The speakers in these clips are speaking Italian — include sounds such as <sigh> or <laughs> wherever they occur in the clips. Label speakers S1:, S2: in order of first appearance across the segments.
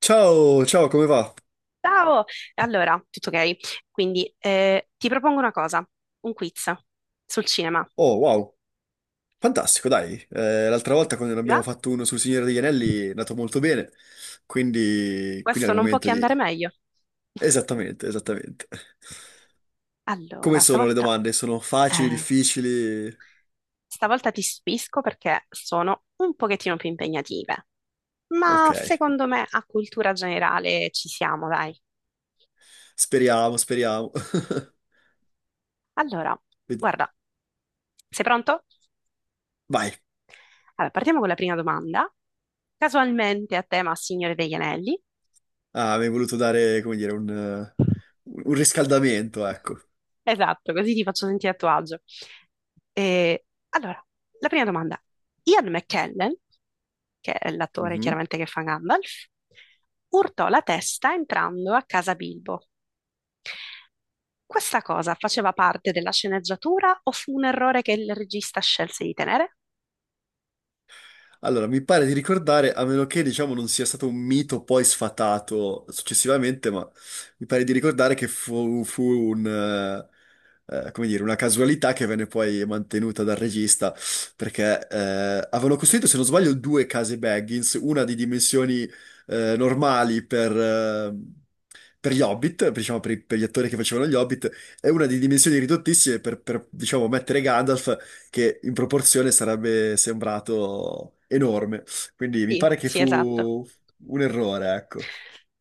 S1: Ciao, ciao, come va?
S2: Ciao! Allora, tutto ok? Quindi ti propongo una cosa, un quiz sul cinema.
S1: Oh, wow, fantastico, dai. L'altra volta quando ne
S2: Ti va?
S1: abbiamo fatto uno sul Signore degli Anelli è andato molto bene, quindi
S2: Questo
S1: è il
S2: non può
S1: momento
S2: che
S1: di...
S2: andare meglio.
S1: Esattamente, esattamente. Come
S2: Allora,
S1: sono le
S2: stavolta,
S1: domande? Sono facili,
S2: eh,
S1: difficili?
S2: stavolta ti stupisco perché sono un pochettino più impegnative, ma
S1: Ok,
S2: secondo me a cultura generale ci siamo, dai.
S1: speriamo, speriamo. <laughs>
S2: Allora,
S1: Ved-
S2: guarda, sei pronto?
S1: Vai.
S2: Allora, partiamo con la prima domanda, casualmente a tema Signore degli Anelli.
S1: Ah, mi hai voluto dare, come dire, un riscaldamento, ecco.
S2: Esatto, così ti faccio sentire a tuo agio. E, allora, la prima domanda. Ian McKellen, che è l'attore
S1: Mhm.
S2: chiaramente che fa Gandalf, urtò la testa entrando a casa Bilbo. Questa cosa faceva parte della sceneggiatura o fu un errore che il regista scelse di tenere?
S1: Allora, mi pare di ricordare, a meno che diciamo non sia stato un mito poi sfatato successivamente, ma mi pare di ricordare che fu come dire, una casualità che venne poi mantenuta dal regista, perché avevano costruito, se non sbaglio, due case Baggins, una di dimensioni normali per gli Hobbit, diciamo per gli attori che facevano gli Hobbit, e una di dimensioni ridottissime per diciamo, mettere Gandalf che in proporzione sarebbe sembrato enorme. Quindi mi
S2: Sì,
S1: pare che
S2: sì, esatto.
S1: fu un errore, ecco.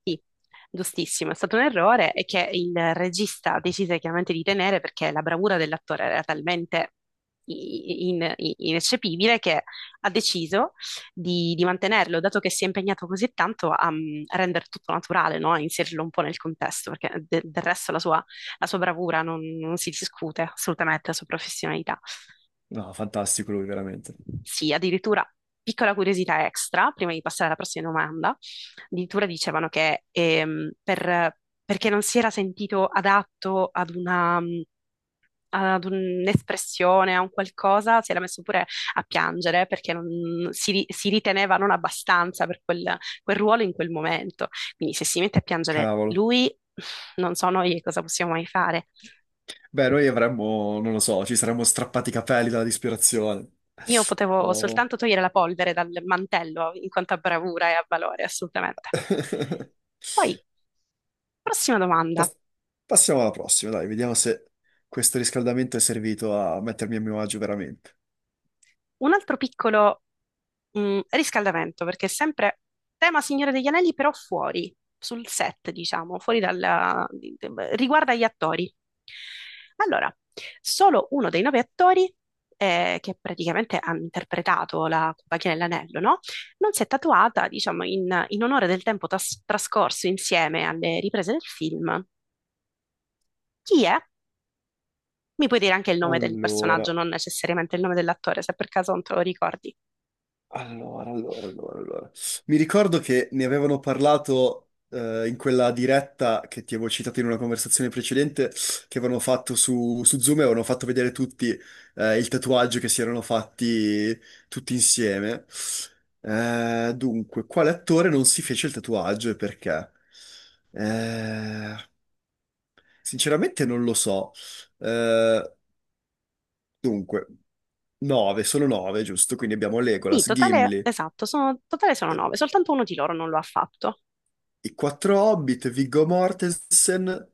S2: Sì, giustissimo, è stato un errore e che il regista decise chiaramente di tenere perché la bravura dell'attore era talmente ineccepibile che ha deciso di mantenerlo, dato che si è impegnato così tanto a, a rendere tutto naturale, no? A inserirlo un po' nel contesto, perché del resto la sua bravura non si discute assolutamente, la sua professionalità.
S1: No, fantastico lui, veramente.
S2: Sì, addirittura piccola curiosità extra, prima di passare alla prossima domanda, addirittura dicevano che perché non si era sentito adatto ad un'espressione, a un qualcosa, si era messo pure a piangere perché si riteneva non abbastanza per quel ruolo in quel momento. Quindi se si mette a piangere
S1: Cavolo.
S2: lui, non so noi cosa possiamo mai fare.
S1: Beh, noi avremmo, non lo so, ci saremmo strappati i capelli dalla disperazione.
S2: Io potevo
S1: Oh.
S2: soltanto togliere la polvere dal mantello in quanto a bravura e a valore, assolutamente.
S1: <laughs>
S2: Poi, prossima domanda.
S1: Pas- Passiamo alla prossima, dai, vediamo se questo riscaldamento è servito a mettermi a mio agio veramente.
S2: Un altro piccolo riscaldamento, perché è sempre tema Signore degli Anelli, però fuori, sul set, diciamo, fuori riguarda gli attori. Allora, solo uno dei nove attori, che praticamente hanno interpretato la compagnia dell'anello, no? Non si è tatuata, diciamo, in onore del tempo trascorso insieme alle riprese del film. Chi è? Mi puoi dire anche il nome del personaggio,
S1: Allora.
S2: non necessariamente il nome dell'attore, se per caso non te lo ricordi.
S1: Allora, allora, allora, allora. Mi ricordo che ne avevano parlato in quella diretta che ti avevo citato in una conversazione precedente, che avevano fatto su Zoom e avevano fatto vedere tutti il tatuaggio che si erano fatti tutti insieme. Dunque, quale attore non si fece il tatuaggio e perché? Eh, Sinceramente non lo so. Eh, Dunque, 9, sono 9, giusto? Quindi abbiamo
S2: Sì,
S1: Legolas,
S2: totale,
S1: Gimli.
S2: esatto, totale sono
S1: eh,
S2: nove, soltanto uno di loro non lo ha fatto.
S1: I quattro Hobbit, Viggo Mortensen,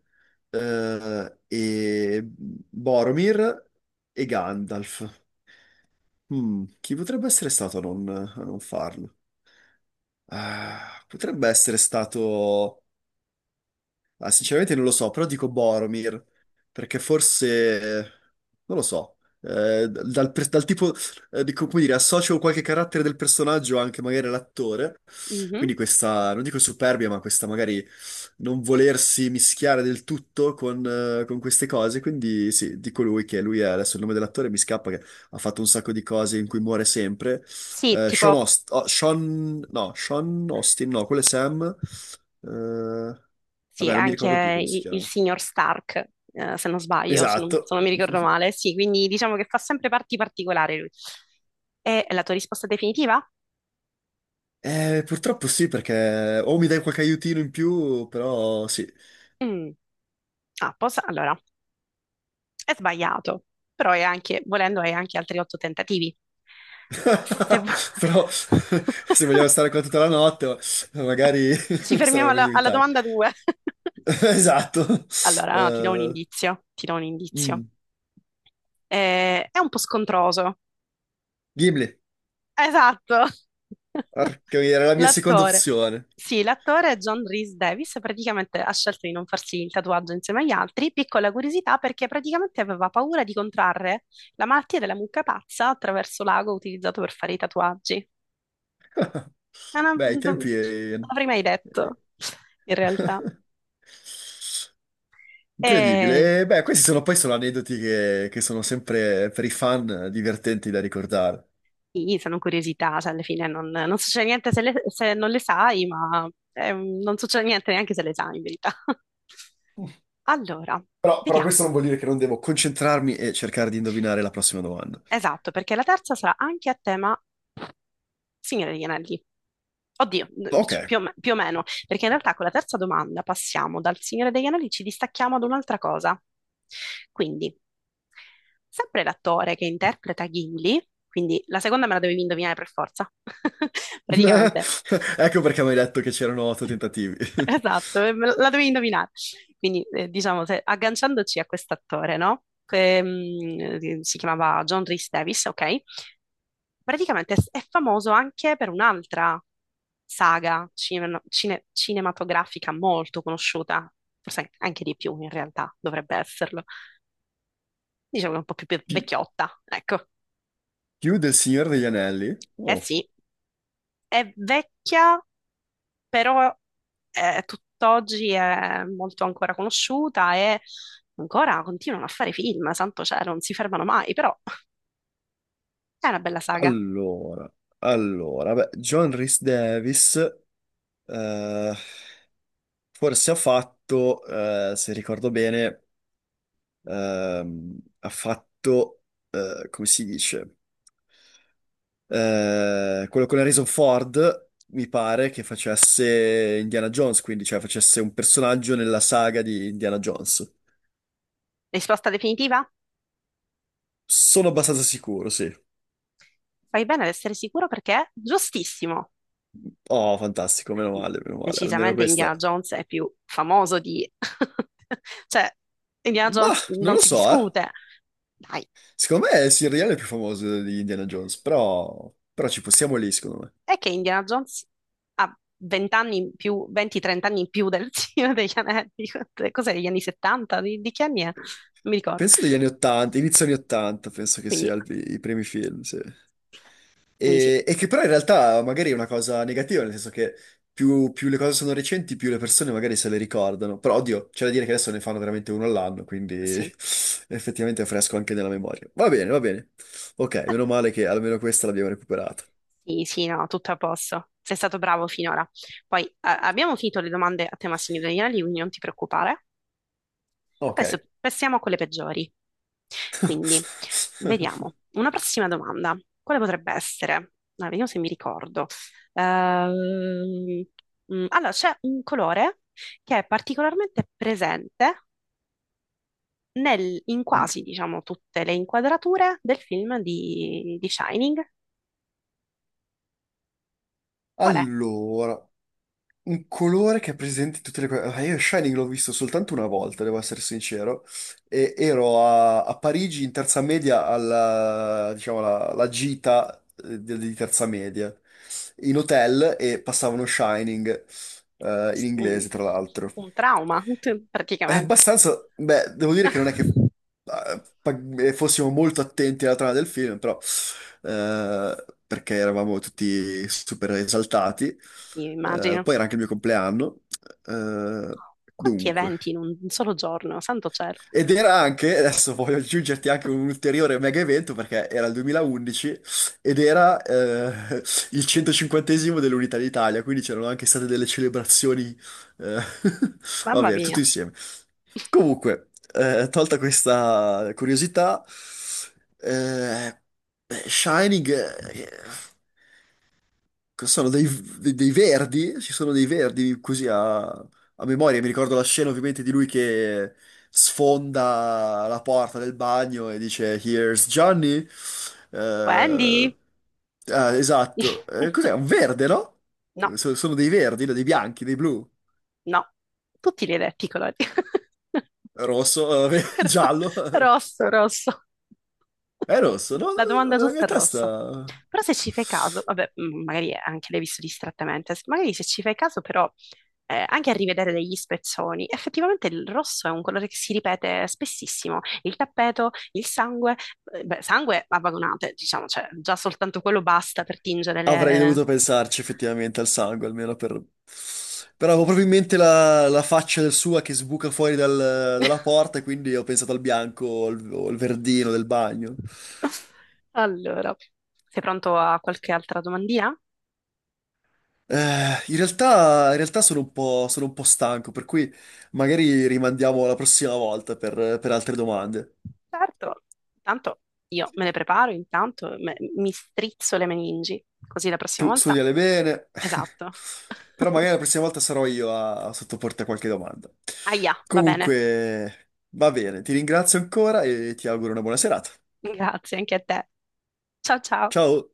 S1: e Boromir e Gandalf. Hmm, chi potrebbe essere stato a non farlo? Ah, potrebbe essere stato. Ah, sinceramente non lo so, però dico Boromir, perché forse, non lo so, dal tipo, dico, come dire, associo qualche carattere del personaggio anche magari all'attore,
S2: Mhm.
S1: quindi questa, non dico superbia, ma questa magari non volersi mischiare del tutto con queste cose, quindi sì, dico lui che lui è, adesso il nome dell'attore mi scappa, che ha fatto un sacco di cose in cui muore sempre,
S2: Sì, tipo,
S1: Sean Austin, no, quello è Sam... eh,
S2: sì,
S1: Vabbè, non mi
S2: anche
S1: ricordo più come si
S2: il
S1: chiama.
S2: signor Stark, se non sbaglio, se non, se
S1: Esatto.
S2: non mi ricordo
S1: <laughs>
S2: male. Sì, quindi diciamo che fa sempre parti particolari lui. E la tua risposta definitiva?
S1: Purtroppo sì, perché o mi dai qualche aiutino in più, però sì.
S2: Mm. Ah, allora, è sbagliato, però è anche, volendo, hai anche altri otto tentativi.
S1: <laughs>
S2: Se vu-
S1: Però <laughs> se vogliamo
S2: <laughs>
S1: stare qua tutta la notte, magari
S2: Ci
S1: <laughs>
S2: fermiamo
S1: sarebbe meglio
S2: alla
S1: evitare.
S2: domanda due.
S1: <laughs>
S2: <laughs>
S1: Esatto.
S2: Allora, no, ti do un
S1: Eh,
S2: indizio, ti do un indizio.
S1: mm.
S2: È un po' scontroso.
S1: Ghibli.
S2: Esatto. <laughs>
S1: Porca miseria, era la mia seconda
S2: L'attore.
S1: opzione.
S2: Sì, l'attore John Rhys Davis praticamente ha scelto di non farsi il tatuaggio insieme agli altri. Piccola curiosità perché praticamente aveva paura di contrarre la malattia della mucca pazza attraverso l'ago utilizzato per fare i tatuaggi.
S1: <laughs>
S2: Ah, no,
S1: Beh, i
S2: non
S1: tempi...
S2: l'avrei mai detto, in realtà.
S1: <laughs>
S2: E
S1: Incredibile. E, beh, questi sono poi sono aneddoti che sono sempre per i fan divertenti da ricordare.
S2: sì, sono curiosità, cioè alla fine non, succede niente se non le sai, ma non succede niente neanche se le sai in verità. <laughs> Allora,
S1: Però,
S2: vediamo.
S1: questo non vuol dire che non devo concentrarmi e cercare di indovinare la prossima domanda.
S2: Esatto, perché la terza sarà anche a tema Signore degli Anelli. Oddio,
S1: Ok.
S2: più o meno, perché in realtà con la terza domanda passiamo dal Signore degli Anelli, ci distacchiamo ad un'altra cosa. Quindi, sempre l'attore che interpreta Gimli, quindi la seconda me la dovevi indovinare per forza, <laughs> praticamente.
S1: <laughs> Ecco perché mi hai detto che c'erano otto tentativi. <laughs>
S2: <laughs> Esatto, la devi indovinare. Quindi, diciamo, agganciandoci a quest'attore, no? Che, si chiamava John Rhys Davis, ok? Praticamente è famoso anche per un'altra saga cinematografica molto conosciuta, forse anche di più in realtà, dovrebbe esserlo. Diciamo che è un po' più
S1: Pi-
S2: vecchiotta, ecco.
S1: Più del Signore degli Anelli.
S2: Eh
S1: Oh.
S2: sì, è vecchia, però tutt'oggi è molto ancora conosciuta e ancora continuano a fare film, santo cielo, non si fermano mai, però è una bella saga.
S1: Allora, allora, beh, John Rhys Davis eh, forse ha fatto, se ricordo bene. Ha fatto, come si dice, quello con Harrison Ford, mi pare che facesse Indiana Jones, quindi cioè facesse un personaggio nella saga di Indiana Jones.
S2: Risposta definitiva?
S1: Sono abbastanza sicuro, sì.
S2: Fai bene ad essere sicuro perché è giustissimo.
S1: Oh, fantastico, meno male, almeno
S2: Decisamente
S1: questa.
S2: Indiana Jones è più famoso di <laughs> cioè, Indiana
S1: Ma
S2: Jones
S1: non
S2: non
S1: lo
S2: si
S1: so, eh.
S2: discute. Dai.
S1: Secondo me Silrian è più famoso di Indiana Jones, però, ci possiamo lì, secondo me.
S2: È che Indiana Jones ha 20 anni in più, 20-30 anni in più del <laughs> Signore degli Anelli. Cos'è, degli anni 70? Di che anni è? Non mi ricordo.
S1: Penso degli anni 80, inizio anni 80, penso che
S2: Quindi,
S1: sia i primi film, sì.
S2: quindi, sì,
S1: E che però in realtà magari è una cosa negativa, nel senso che più le cose sono recenti, più le persone magari se le ricordano. Però oddio, c'è da dire che adesso ne fanno veramente uno all'anno, quindi <laughs>
S2: sì,
S1: effettivamente è fresco anche nella memoria. Va bene, va bene. Ok, meno male che almeno questa l'abbiamo recuperata.
S2: sì, sì, no, tutto a posto. Sei stato bravo finora. Poi abbiamo finito le domande a tema Signore degli Anelli, quindi non ti preoccupare.
S1: Ok.
S2: Adesso passiamo a quelle peggiori. Quindi,
S1: <laughs>
S2: vediamo. Una prossima domanda. Quale potrebbe essere? Ah, vediamo se mi ricordo. Ehm, allora, c'è un colore che è particolarmente presente in quasi, diciamo, tutte le inquadrature del film di Shining. Qual è?
S1: Allora, un colore che è presente in tutte le cose. Ah, io Shining l'ho visto soltanto una volta, devo essere sincero. E ero a Parigi in terza media alla, diciamo, alla gita di terza media, in hotel e passavano Shining, in
S2: Un,
S1: inglese, tra l'altro.
S2: un trauma, <laughs>
S1: È
S2: praticamente.
S1: abbastanza, beh, devo dire che non è che
S2: <laughs>
S1: fossimo molto attenti alla trama del film, però, perché eravamo tutti super esaltati.
S2: Sì, immagino.
S1: Poi era anche il mio compleanno. Eh,
S2: Quanti
S1: Dunque,
S2: eventi in un solo giorno, santo cielo.
S1: adesso voglio aggiungerti anche un ulteriore mega evento perché era il 2011 ed era il 150esimo dell'Unità d'Italia, quindi c'erano anche state delle celebrazioni, eh, <laughs> va
S2: Mamma
S1: bene, tutto
S2: mia.
S1: insieme. Comunque, tolta questa curiosità, eh, beh, Shining, cosa sono dei verdi, ci sono dei verdi così a memoria, mi ricordo la scena ovviamente di lui che sfonda la porta del bagno e dice Here's Johnny. Eh,
S2: Wendy?
S1: ah, esatto. Cos'è? Un
S2: <laughs>
S1: verde, no?
S2: No,
S1: Sono dei verdi, no? Dei bianchi, dei blu,
S2: no. Tutti li hai detti i colori. <laughs>
S1: rosso, <laughs>
S2: Ro-
S1: giallo.
S2: Rosso, rosso.
S1: È rosso, no?
S2: La domanda
S1: Nella
S2: giusta
S1: mia
S2: è rosso.
S1: testa
S2: Però se ci fai caso, vabbè, magari anche l'hai visto distrattamente, magari se ci fai caso però anche a rivedere degli spezzoni, effettivamente il rosso è un colore che si ripete spessissimo. Il tappeto, il sangue, beh, sangue a vagonate, diciamo, cioè già soltanto quello basta per tingere
S1: avrei
S2: le.
S1: dovuto pensarci effettivamente al sangue, almeno per... Però avevo
S2: Sì, sì.
S1: proprio in mente la faccia del sua che sbuca fuori dalla porta, e quindi ho pensato al bianco o al verdino del bagno.
S2: Allora, sei pronto a qualche altra domandina?
S1: In realtà, sono un po' stanco, per cui magari rimandiamo alla prossima volta per altre domande.
S2: Certo, intanto io me le preparo, intanto mi strizzo le meningi, così la prossima
S1: Tu
S2: volta.
S1: studiale bene,
S2: Esatto.
S1: <laughs> però
S2: <laughs>
S1: magari la prossima volta sarò io a sottoporti a qualche domanda.
S2: Aia, va bene.
S1: Comunque, va bene, ti ringrazio ancora e ti auguro una buona serata.
S2: Grazie anche a te. Ciao ciao.
S1: Ciao!